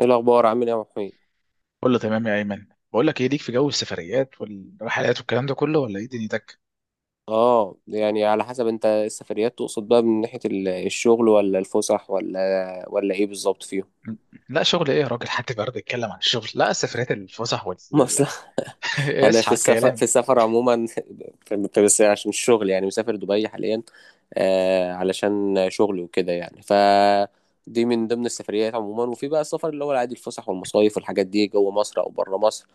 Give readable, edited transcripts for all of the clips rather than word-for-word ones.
ايه الاخبار، عامل ايه يا محمود؟ كله تمام يا ايمن. بقول لك ايه، ليك في جو السفريات والرحلات والكلام ده كله ولا ايه دنيتك؟ اه يعني على حسب، انت السفريات تقصد بقى من ناحيه الشغل ولا الفسح ولا ايه بالظبط فيهم؟ لا، شغل ايه يا راجل؟ حد برضه يتكلم عن الشغل؟ لا، السفريات، الفسح، ما اصل انا في اصحى السفر في كلام. السفر عموما. بس عشان الشغل يعني مسافر دبي حاليا. علشان شغلي وكده يعني، ف دي من ضمن السفريات عموما، وفي بقى السفر اللي هو العادي، الفسح والمصايف والحاجات دي جوه مصر او بره مصر.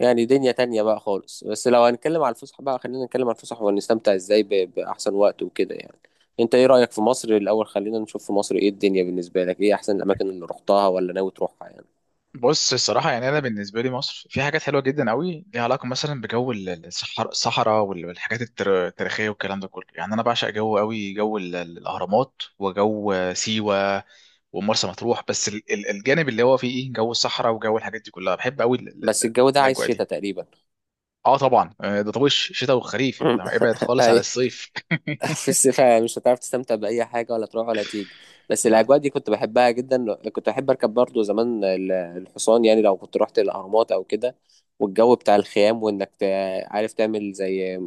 يعني دنيا تانية بقى خالص. بس لو هنتكلم على الفسح بقى، خلينا نتكلم على الفسح ونستمتع ازاي بأحسن وقت وكده يعني. انت ايه رأيك في مصر الأول؟ خلينا نشوف في مصر ايه الدنيا بالنسبة لك. ايه أحسن الأماكن اللي رحتها ولا ناوي تروحها يعني؟ بص، الصراحه يعني انا بالنسبه لي مصر في حاجات حلوه جدا قوي، ليها علاقه مثلا بجو الصحراء والحاجات التاريخيه والكلام ده كله. يعني انا بعشق جو قوي، جو الاهرامات وجو سيوه ومرسى مطروح، بس الجانب اللي هو فيه ايه، جو الصحراء وجو الحاجات دي كلها بحب قوي. بس الجو ده عايز الاجواء دي، شتاء تقريبا. اه طبعا، آه، ده طبعا شتاء وخريف، انت ابعد خالص على الصيف. في الصيف مش هتعرف تستمتع بأي حاجة ولا تروح ولا تيجي. بس لا الأجواء لا. دي كنت بحبها جدا. كنت أحب أركب برضو زمان الحصان، يعني لو كنت رحت الأهرامات أو كده. والجو بتاع الخيام، وإنك عارف تعمل زي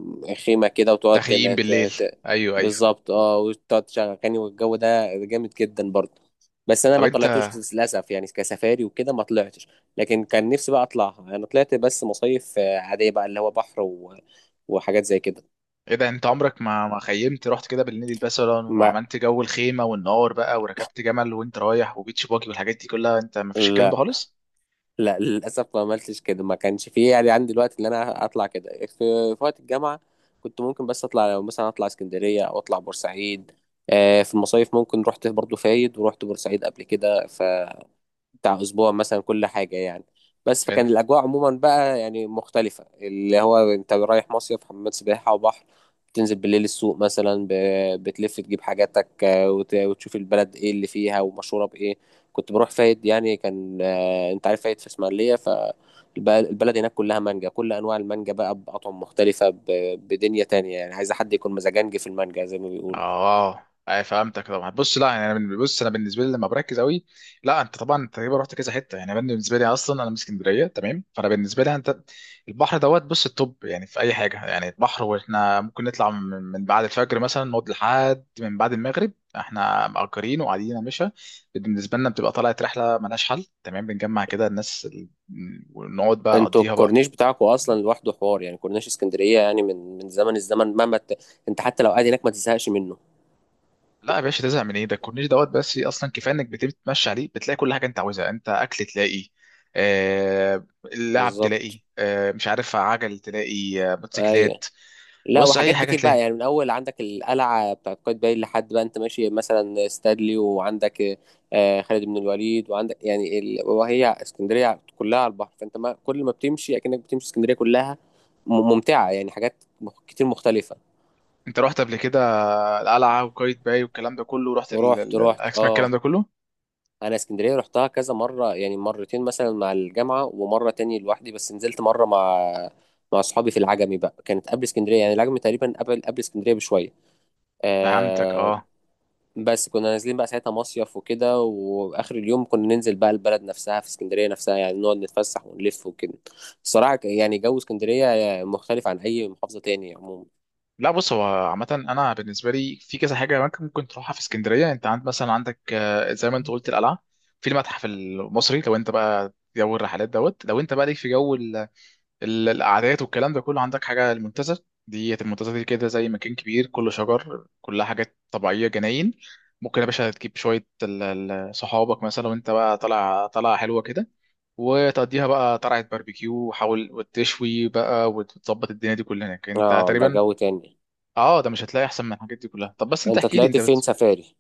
خيمة كده، وتقعد تخييم بالليل. ايوه ايوه. بالظبط، اه، وتقعد تشغل أغاني، والجو ده جامد جدا برضو. بس أنا طب ما طلعتوش، انت. للأسف، يعني كسفاري وكده ما طلعتش. لكن كان نفسي بقى أطلعها. أنا طلعت بس مصايف، عادية بقى، اللي هو بحر و... وحاجات زي كده. ايه ده، انت عمرك ما خيمت، رحت كده بالليل مثلا ما، وعملت جو الخيمه والنار بقى، وركبت جمل وانت رايح وبيتش باجي والحاجات دي كلها، انت ما فيش الكلام ده لا، خالص؟ لا، للاسف ما عملتش كده. ما كانش فيه يعني عندي الوقت اللي انا اطلع كده في وقت الجامعه. كنت ممكن بس اطلع، لو مثلا اطلع اسكندريه او اطلع بورسعيد. في المصايف ممكن، رحت برضو فايد ورحت بورسعيد قبل كده، بتاع اسبوع مثلا، كل حاجه يعني. بس فكان الاجواء عموما بقى يعني مختلفه، اللي هو انت رايح مصيف، حمامات سباحه وبحر، تنزل بالليل السوق مثلا، بتلف تجيب حاجاتك، وتشوف البلد ايه اللي فيها ومشهوره بايه. كنت بروح فايد يعني. كان، انت عارف فايد في اسماعيليه، فالبلد هناك كلها مانجا، كل انواع المانجا بقى باطعم مختلفه، بدنيا تانية يعني. عايز حد يكون مزاجنجي في المانجا زي ما بيقولوا. اه، اي فهمتك طبعا. بص، لا يعني انا بص انا بالنسبه لي لما بركز قوي. لا، انت طبعا انت تقريبا رحت كذا حته. يعني أنا بالنسبه لي اصلا انا من اسكندريه، تمام، فانا بالنسبه لي انت البحر دوت، بص التوب يعني في اي حاجه، يعني البحر، واحنا ممكن نطلع من بعد الفجر مثلا، نقعد لحد من بعد المغرب، احنا مأجرين وقاعدين يا باشا. بالنسبه لنا بتبقى طلعت رحله ملهاش حل، تمام. بنجمع كده الناس ونقعد بقى انتوا نقضيها بقى. الكورنيش بتاعكم اصلا لوحده حوار، يعني كورنيش اسكندريه يعني من زمن الزمن، مهما انت حتى لو قاعد هناك ما تزهقش منه. لا يا باشا، تزهق من ايه؟ ده الكورنيش دوت، بس اصلا كفايه انك بتبتدي تمشي عليه بتلاقي كل حاجه انت عاوزها، انت اكل تلاقي، آه، اللعب تلاقي، بالظبط. آه، مش عارف، عجل تلاقي، آه، ايوه. موتوسيكلات. لا، بص، اي وحاجات حاجه كتير بقى تلاقي. يعني، من اول عندك القلعه بتاعت قايتباي لحد بقى انت ماشي مثلا ستادلي، وعندك خالد بن الوليد، وعندك يعني وهي اسكندريه كلها على البحر، فانت ما كل ما بتمشي اكنك بتمشي اسكندريه كلها. ممتعه يعني، حاجات كتير مختلفه. انت رحت قبل كده القلعه وقايتباي باي والكلام ده كله، رحت رحت، رحت، الاسماك، الكلام اه. ده كله؟ انا اسكندريه رحتها كذا مره، يعني مرتين مثلا مع الجامعه، ومره تاني لوحدي، بس نزلت مره مع اصحابي في العجمي بقى، كانت قبل اسكندريه، يعني العجمي تقريبا قبل اسكندريه بشويه. فهمتك. آه. اه، بس كنا نازلين بقى ساعتها مصيف وكده، واخر اليوم كنا ننزل بقى البلد نفسها في اسكندريه نفسها، يعني نقعد نتفسح ونلف وكده. الصراحه يعني جو اسكندريه مختلف عن اي محافظه تاني عموما. لا بص، هو عامة أنا بالنسبة لي في كذا حاجة ممكن تروحها في اسكندرية. أنت عند مثلا، عندك، آه، زي ما أنت قلت القلعة، في المتحف المصري، لو أنت بقى جو الرحلات دوت، لو أنت بقى ليك في جو القعدات والكلام ده كله، عندك حاجة المنتزه. دي المنتزه دي كده زي مكان كبير كله شجر، كلها حاجات طبيعية، جناين. ممكن يا باشا تجيب شوية صحابك مثلا، وانت بقى طالع طالعة حلوة كده، وتقضيها بقى طلعة باربيكيو، وحاول وتشوي بقى وتظبط الدنيا دي كلها هناك، انت اه، ده تقريبا. جو تاني. اه، ده مش هتلاقي احسن من الحاجات دي كلها. طب بس انت انت احكي لي طلعت انت. فين سفاري؟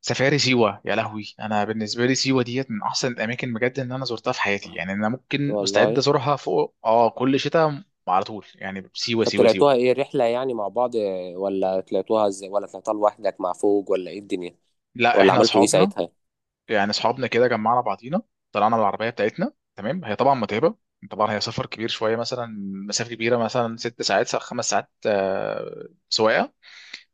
سفاري، سيوة، يا لهوي، انا بالنسبه لي سيوة ديت من احسن الاماكن بجد ان انا زرتها في حياتي. يعني انا ممكن مستعد والله. ازورها، فوق، اه، كل شتاء، على طول، يعني سيوة طب سيوة سيوة. طلعتوها ايه، رحلة يعني مع بعض، ولا طلعتوها ازاي، ولا طلعتها لوحدك مع فوج، ولا ايه الدنيا؟ لا، ولا احنا عملتوا ايه اصحابنا، ساعتها؟ يعني اصحابنا كده جمعنا بعضينا، طلعنا بالعربيه بتاعتنا، تمام. هي طبعا متعبه، طبعا هي سفر كبير شويه، مثلا مسافه كبيره، مثلا ست ساعات خمس ساعات، آه، سواقه.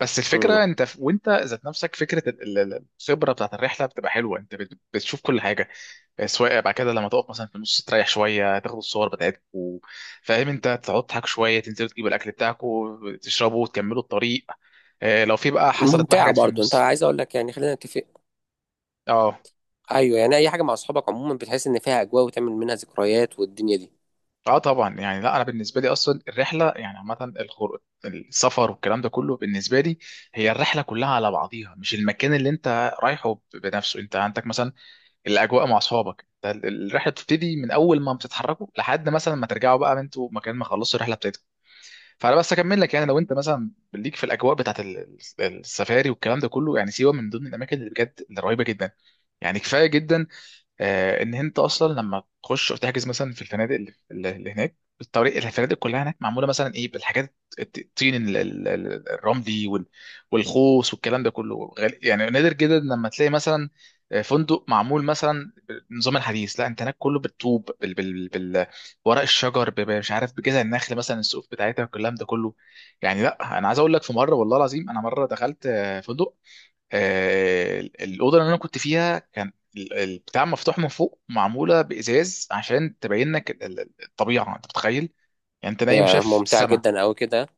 بس الفكره امم. انت وانت ذات نفسك فكره الخبره بتاعت الرحله بتبقى حلوه. انت بتشوف كل حاجه، سواء بعد كده لما تقف مثلا في النص، تريح شويه، تاخد الصور بتاعتكم، فاهم، انت تقعد تضحك شويه، تنزلوا تجيبوا الاكل بتاعكم، تشربوا وتكملوا الطريق. اه، لو في بقى، حصلت بقى ممتعة حاجات في برضو. انت النص. عايز اقول لك يعني، خلينا نتفق. اه. ايوه، يعني اي حاجة مع اصحابك عموما بتحس ان فيها اجواء، وتعمل منها ذكريات والدنيا دي. اه طبعا، يعني لا انا بالنسبه لي اصلا الرحله يعني عامه، السفر والكلام ده كله بالنسبه لي، هي الرحله كلها على بعضيها، مش المكان اللي انت رايحه بنفسه. انت عندك مثلا الاجواء مع اصحابك، ده الرحله بتبتدي من اول ما بتتحركوا لحد مثلا ما ترجعوا بقى، انتوا مكان ما خلصتوا الرحله بتاعتكم. فانا بس اكمل لك، يعني لو انت مثلا ليك في الاجواء بتاعت السفاري والكلام ده كله، يعني سيوه من ضمن الاماكن اللي بجد اللي رهيبه جدا. يعني كفايه جدا، آه، ان انت اصلا لما تخش وتحجز مثلا في الفنادق اللي هناك، الطريق، الفنادق كلها هناك معموله مثلا ايه، بالحاجات الطين الرملي والخوص والكلام ده كله، يعني نادر جدا لما تلاقي مثلا، آه، فندق معمول مثلا بالنظام الحديث. لا، انت هناك كله بالطوب، بال ورق الشجر، مش عارف، بجذع النخل مثلا السقوف بتاعتها والكلام ده كله. يعني لا انا عايز اقول لك، في مره والله العظيم انا مره دخلت، آه، فندق، آه، الاوضه اللي انا كنت فيها كان بتاع مفتوح من فوق، معموله بازاز عشان تبين لك الطبيعه، انت متخيل؟ يعني انت نايم يعني شايف ممتعة السماء. جدا اوي كده.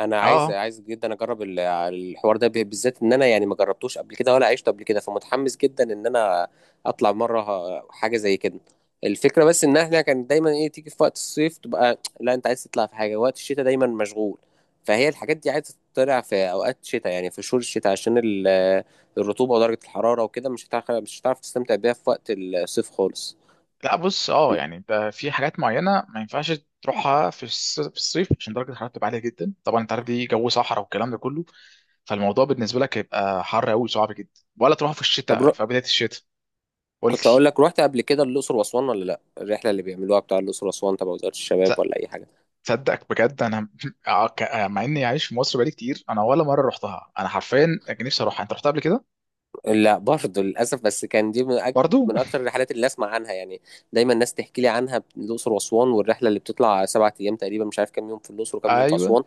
انا اه عايز آه. عايز جدا اجرب الحوار ده، بالذات ان انا يعني ما جربتوش قبل كده ولا عشته قبل كده، فمتحمس جدا ان انا اطلع مره حاجه زي كده. الفكره بس ان احنا كان دايما ايه، تيجي في وقت الصيف تبقى لا، انت عايز تطلع في حاجه، وقت الشتاء دايما مشغول. فهي الحاجات دي عايزه تطلع في اوقات الشتاء، يعني في شهور الشتاء عشان الرطوبه ودرجه الحراره وكده، مش هتعرف تستمتع بيها في وقت الصيف خالص. لا بص، اه يعني انت في حاجات معينه ما ينفعش تروحها في في الصيف، عشان درجه الحراره بتبقى عاليه جدا، طبعا انت عارف دي جو صحراء والكلام ده كله، فالموضوع بالنسبه لك هيبقى حر قوي صعب جدا، ولا تروح في طب الشتاء رو... في بدايه الشتاء. قلت. كنت اقول لك، رحت قبل كده الاقصر واسوان ولا لا؟ الرحله اللي بيعملوها بتاع الاقصر واسوان تبع وزاره الشباب ولا اي حاجه؟ تصدق بجد انا آه، آه، مع اني عايش في مصر بقالي كتير انا ولا مره رحتها، انا حرفيا كان نفسي اروحها، انت رحتها قبل كده؟ لا، برضه للاسف. بس كان دي برضو. من اكتر الرحلات اللي اسمع عنها يعني. دايما الناس تحكي لي عنها، الاقصر واسوان، والرحله اللي بتطلع 7 ايام تقريبا، مش عارف كام يوم في الاقصر وكام يوم في ايوه. اسوان.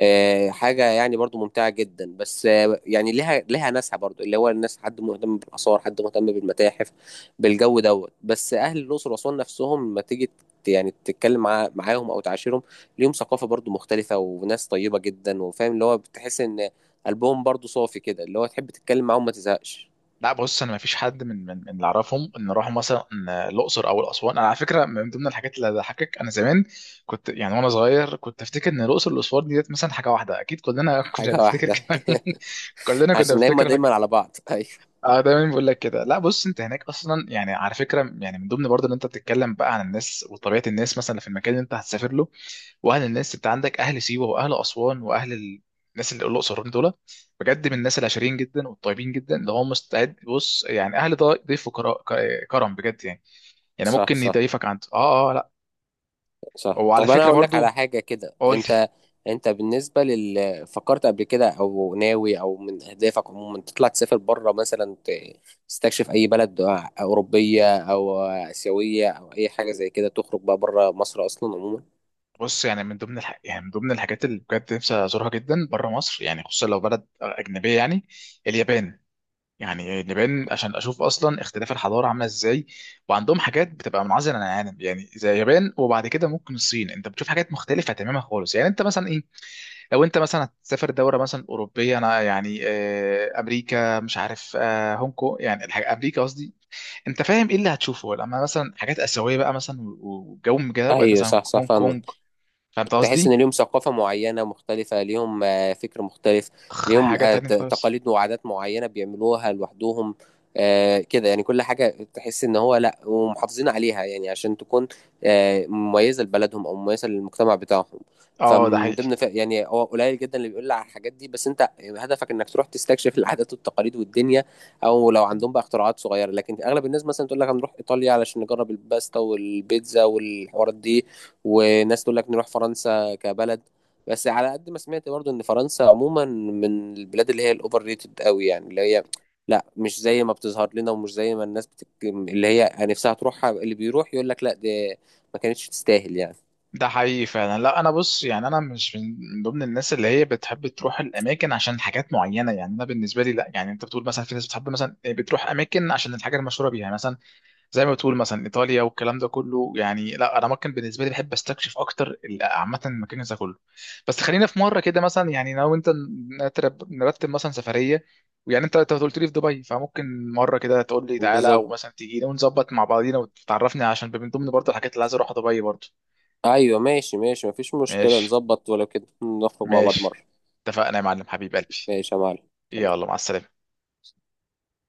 حاجه يعني برضه ممتعه جدا. بس يعني لها ناسها برضه، اللي هو الناس، حد مهتم بالاثار، حد مهتم بالمتاحف، بالجو دوت. بس اهل الاقصر واسوان نفسهم، ما تيجي يعني تتكلم معاهم او تعاشرهم، ليهم ثقافه برضه مختلفه، وناس طيبه جدا وفاهم، اللي هو بتحس ان قلبهم برضه صافي كده، اللي هو تحب تتكلم معاهم ما تزهقش. لا بص، انا ما فيش حد من اللي اعرفهم ان راحوا مثلا، آه، الاقصر او الاسوان. انا على فكره من ضمن الحاجات اللي ضحكك، انا زمان كنت يعني وانا صغير كنت افتكر ان الاقصر والاسوان ديت مثلا حاجه واحده، اكيد كلنا كنا حاجة بنفتكر كده. واحدة. كلنا كنا عشان هما بنفتكر دايما لك. على بعض. أيوة. اه، دايما بقول لك كده. لا بص، انت هناك اصلا يعني، على فكره، يعني من ضمن برضه ان انت بتتكلم بقى عن الناس وطبيعه الناس مثلا في المكان اللي انت هتسافر له، واهل الناس، انت عندك اهل سيوه واهل اسوان واهل الناس اللي الاقصر والأسوان، دول بجد من الناس العشرين جدا والطيبين جدا، اللي هم مستعد، بص، يعني اهل ضيف كرم بجد يعني. يعني صح، ممكن صح، يضيفك عند، اه اه لا. صح. وعلى طب، أنا فكره أقول لك على برضو. حاجة كده. قول لي. أنت بالنسبة لل، فكرت قبل كده، أو ناوي، أو من أهدافك عموما، تطلع تسافر بره مثلا، تستكشف أي بلد أوروبية أو آسيوية أو أي حاجة زي كده، تخرج بقى بره مصر أصلا عموما؟ بص، يعني من ضمن يعني من ضمن الحاجات اللي بجد نفسي ازورها جدا بره مصر، يعني خصوصا لو بلد اجنبيه، يعني اليابان. يعني نبان عشان اشوف اصلا اختلاف الحضاره عامله ازاي، وعندهم حاجات بتبقى منعزله عن العالم يعني زي اليابان. وبعد كده ممكن الصين، انت بتشوف حاجات مختلفه تماما خالص. يعني انت مثلا ايه، لو انت مثلا هتسافر دوله مثلا اوروبيه، انا يعني، آه، امريكا، مش عارف، آه، هونج كونج، يعني الحاجة امريكا قصدي. انت فاهم ايه اللي هتشوفه لما مثلا حاجات اسيويه بقى مثلا وجو من كده وقت أيوة، مثلا صح صح، هونج كونج. فاهمك. فهمت تحس ان قصدي؟ ليهم ثقافه معينه مختلفه، ليهم فكر مختلف، ليهم حاجه تانية خالص. تقاليد وعادات معينه بيعملوها لوحدهم. كده يعني كل حاجه تحس ان هو، لا، ومحافظين عليها، يعني عشان تكون مميزه لبلدهم او مميزه للمجتمع بتاعهم. اه ده فمن حقيقي. ضمن يعني هو قليل جدا اللي بيقول لي على الحاجات دي. بس انت هدفك انك تروح تستكشف العادات والتقاليد والدنيا، او لو عندهم بقى اختراعات صغيره. لكن اغلب الناس مثلا تقول لك هنروح ايطاليا علشان نجرب الباستا والبيتزا والحوارات دي، وناس تقول لك نروح فرنسا كبلد. بس على قد ما سمعت برضو، ان فرنسا عموما من البلاد اللي هي الاوفر ريتد قوي، يعني اللي هي لا، مش زي ما بتظهر لنا ومش زي ما الناس اللي هي نفسها تروحها، اللي بيروح يقول لك لا، دي ما كانتش تستاهل يعني. ده حقيقي فعلا. لا انا بص، يعني انا مش من ضمن الناس اللي هي بتحب تروح الاماكن عشان حاجات معينه، يعني انا بالنسبه لي لا. يعني انت بتقول مثلا في ناس بتحب مثلا إيه، بتروح اماكن عشان الحاجه المشهوره بيها مثلا، زي ما بتقول مثلا ايطاليا والكلام ده كله. يعني لا، انا ممكن بالنسبه لي بحب استكشف اكتر عامه المكان ده كله. بس خلينا في مره كده مثلا، يعني لو انت نرتب مثلا سفريه، ويعني انت قلت لي في دبي، فممكن مره كده تقول لي تعالى، او بالظبط، مثلا تيجي ونظبط مع بعضينا وتعرفني، عشان من ضمن برضه الحاجات اللي عايز اروحها دبي برضه. ايوه، ماشي، ماشي، مفيش مشكلة، ماشي نظبط ولو كده نخرج مع بعض ماشي. مرة. اتفقنا يا معلم، حبيب قلبي. ماشي يا معلم. يلا مع السلامة.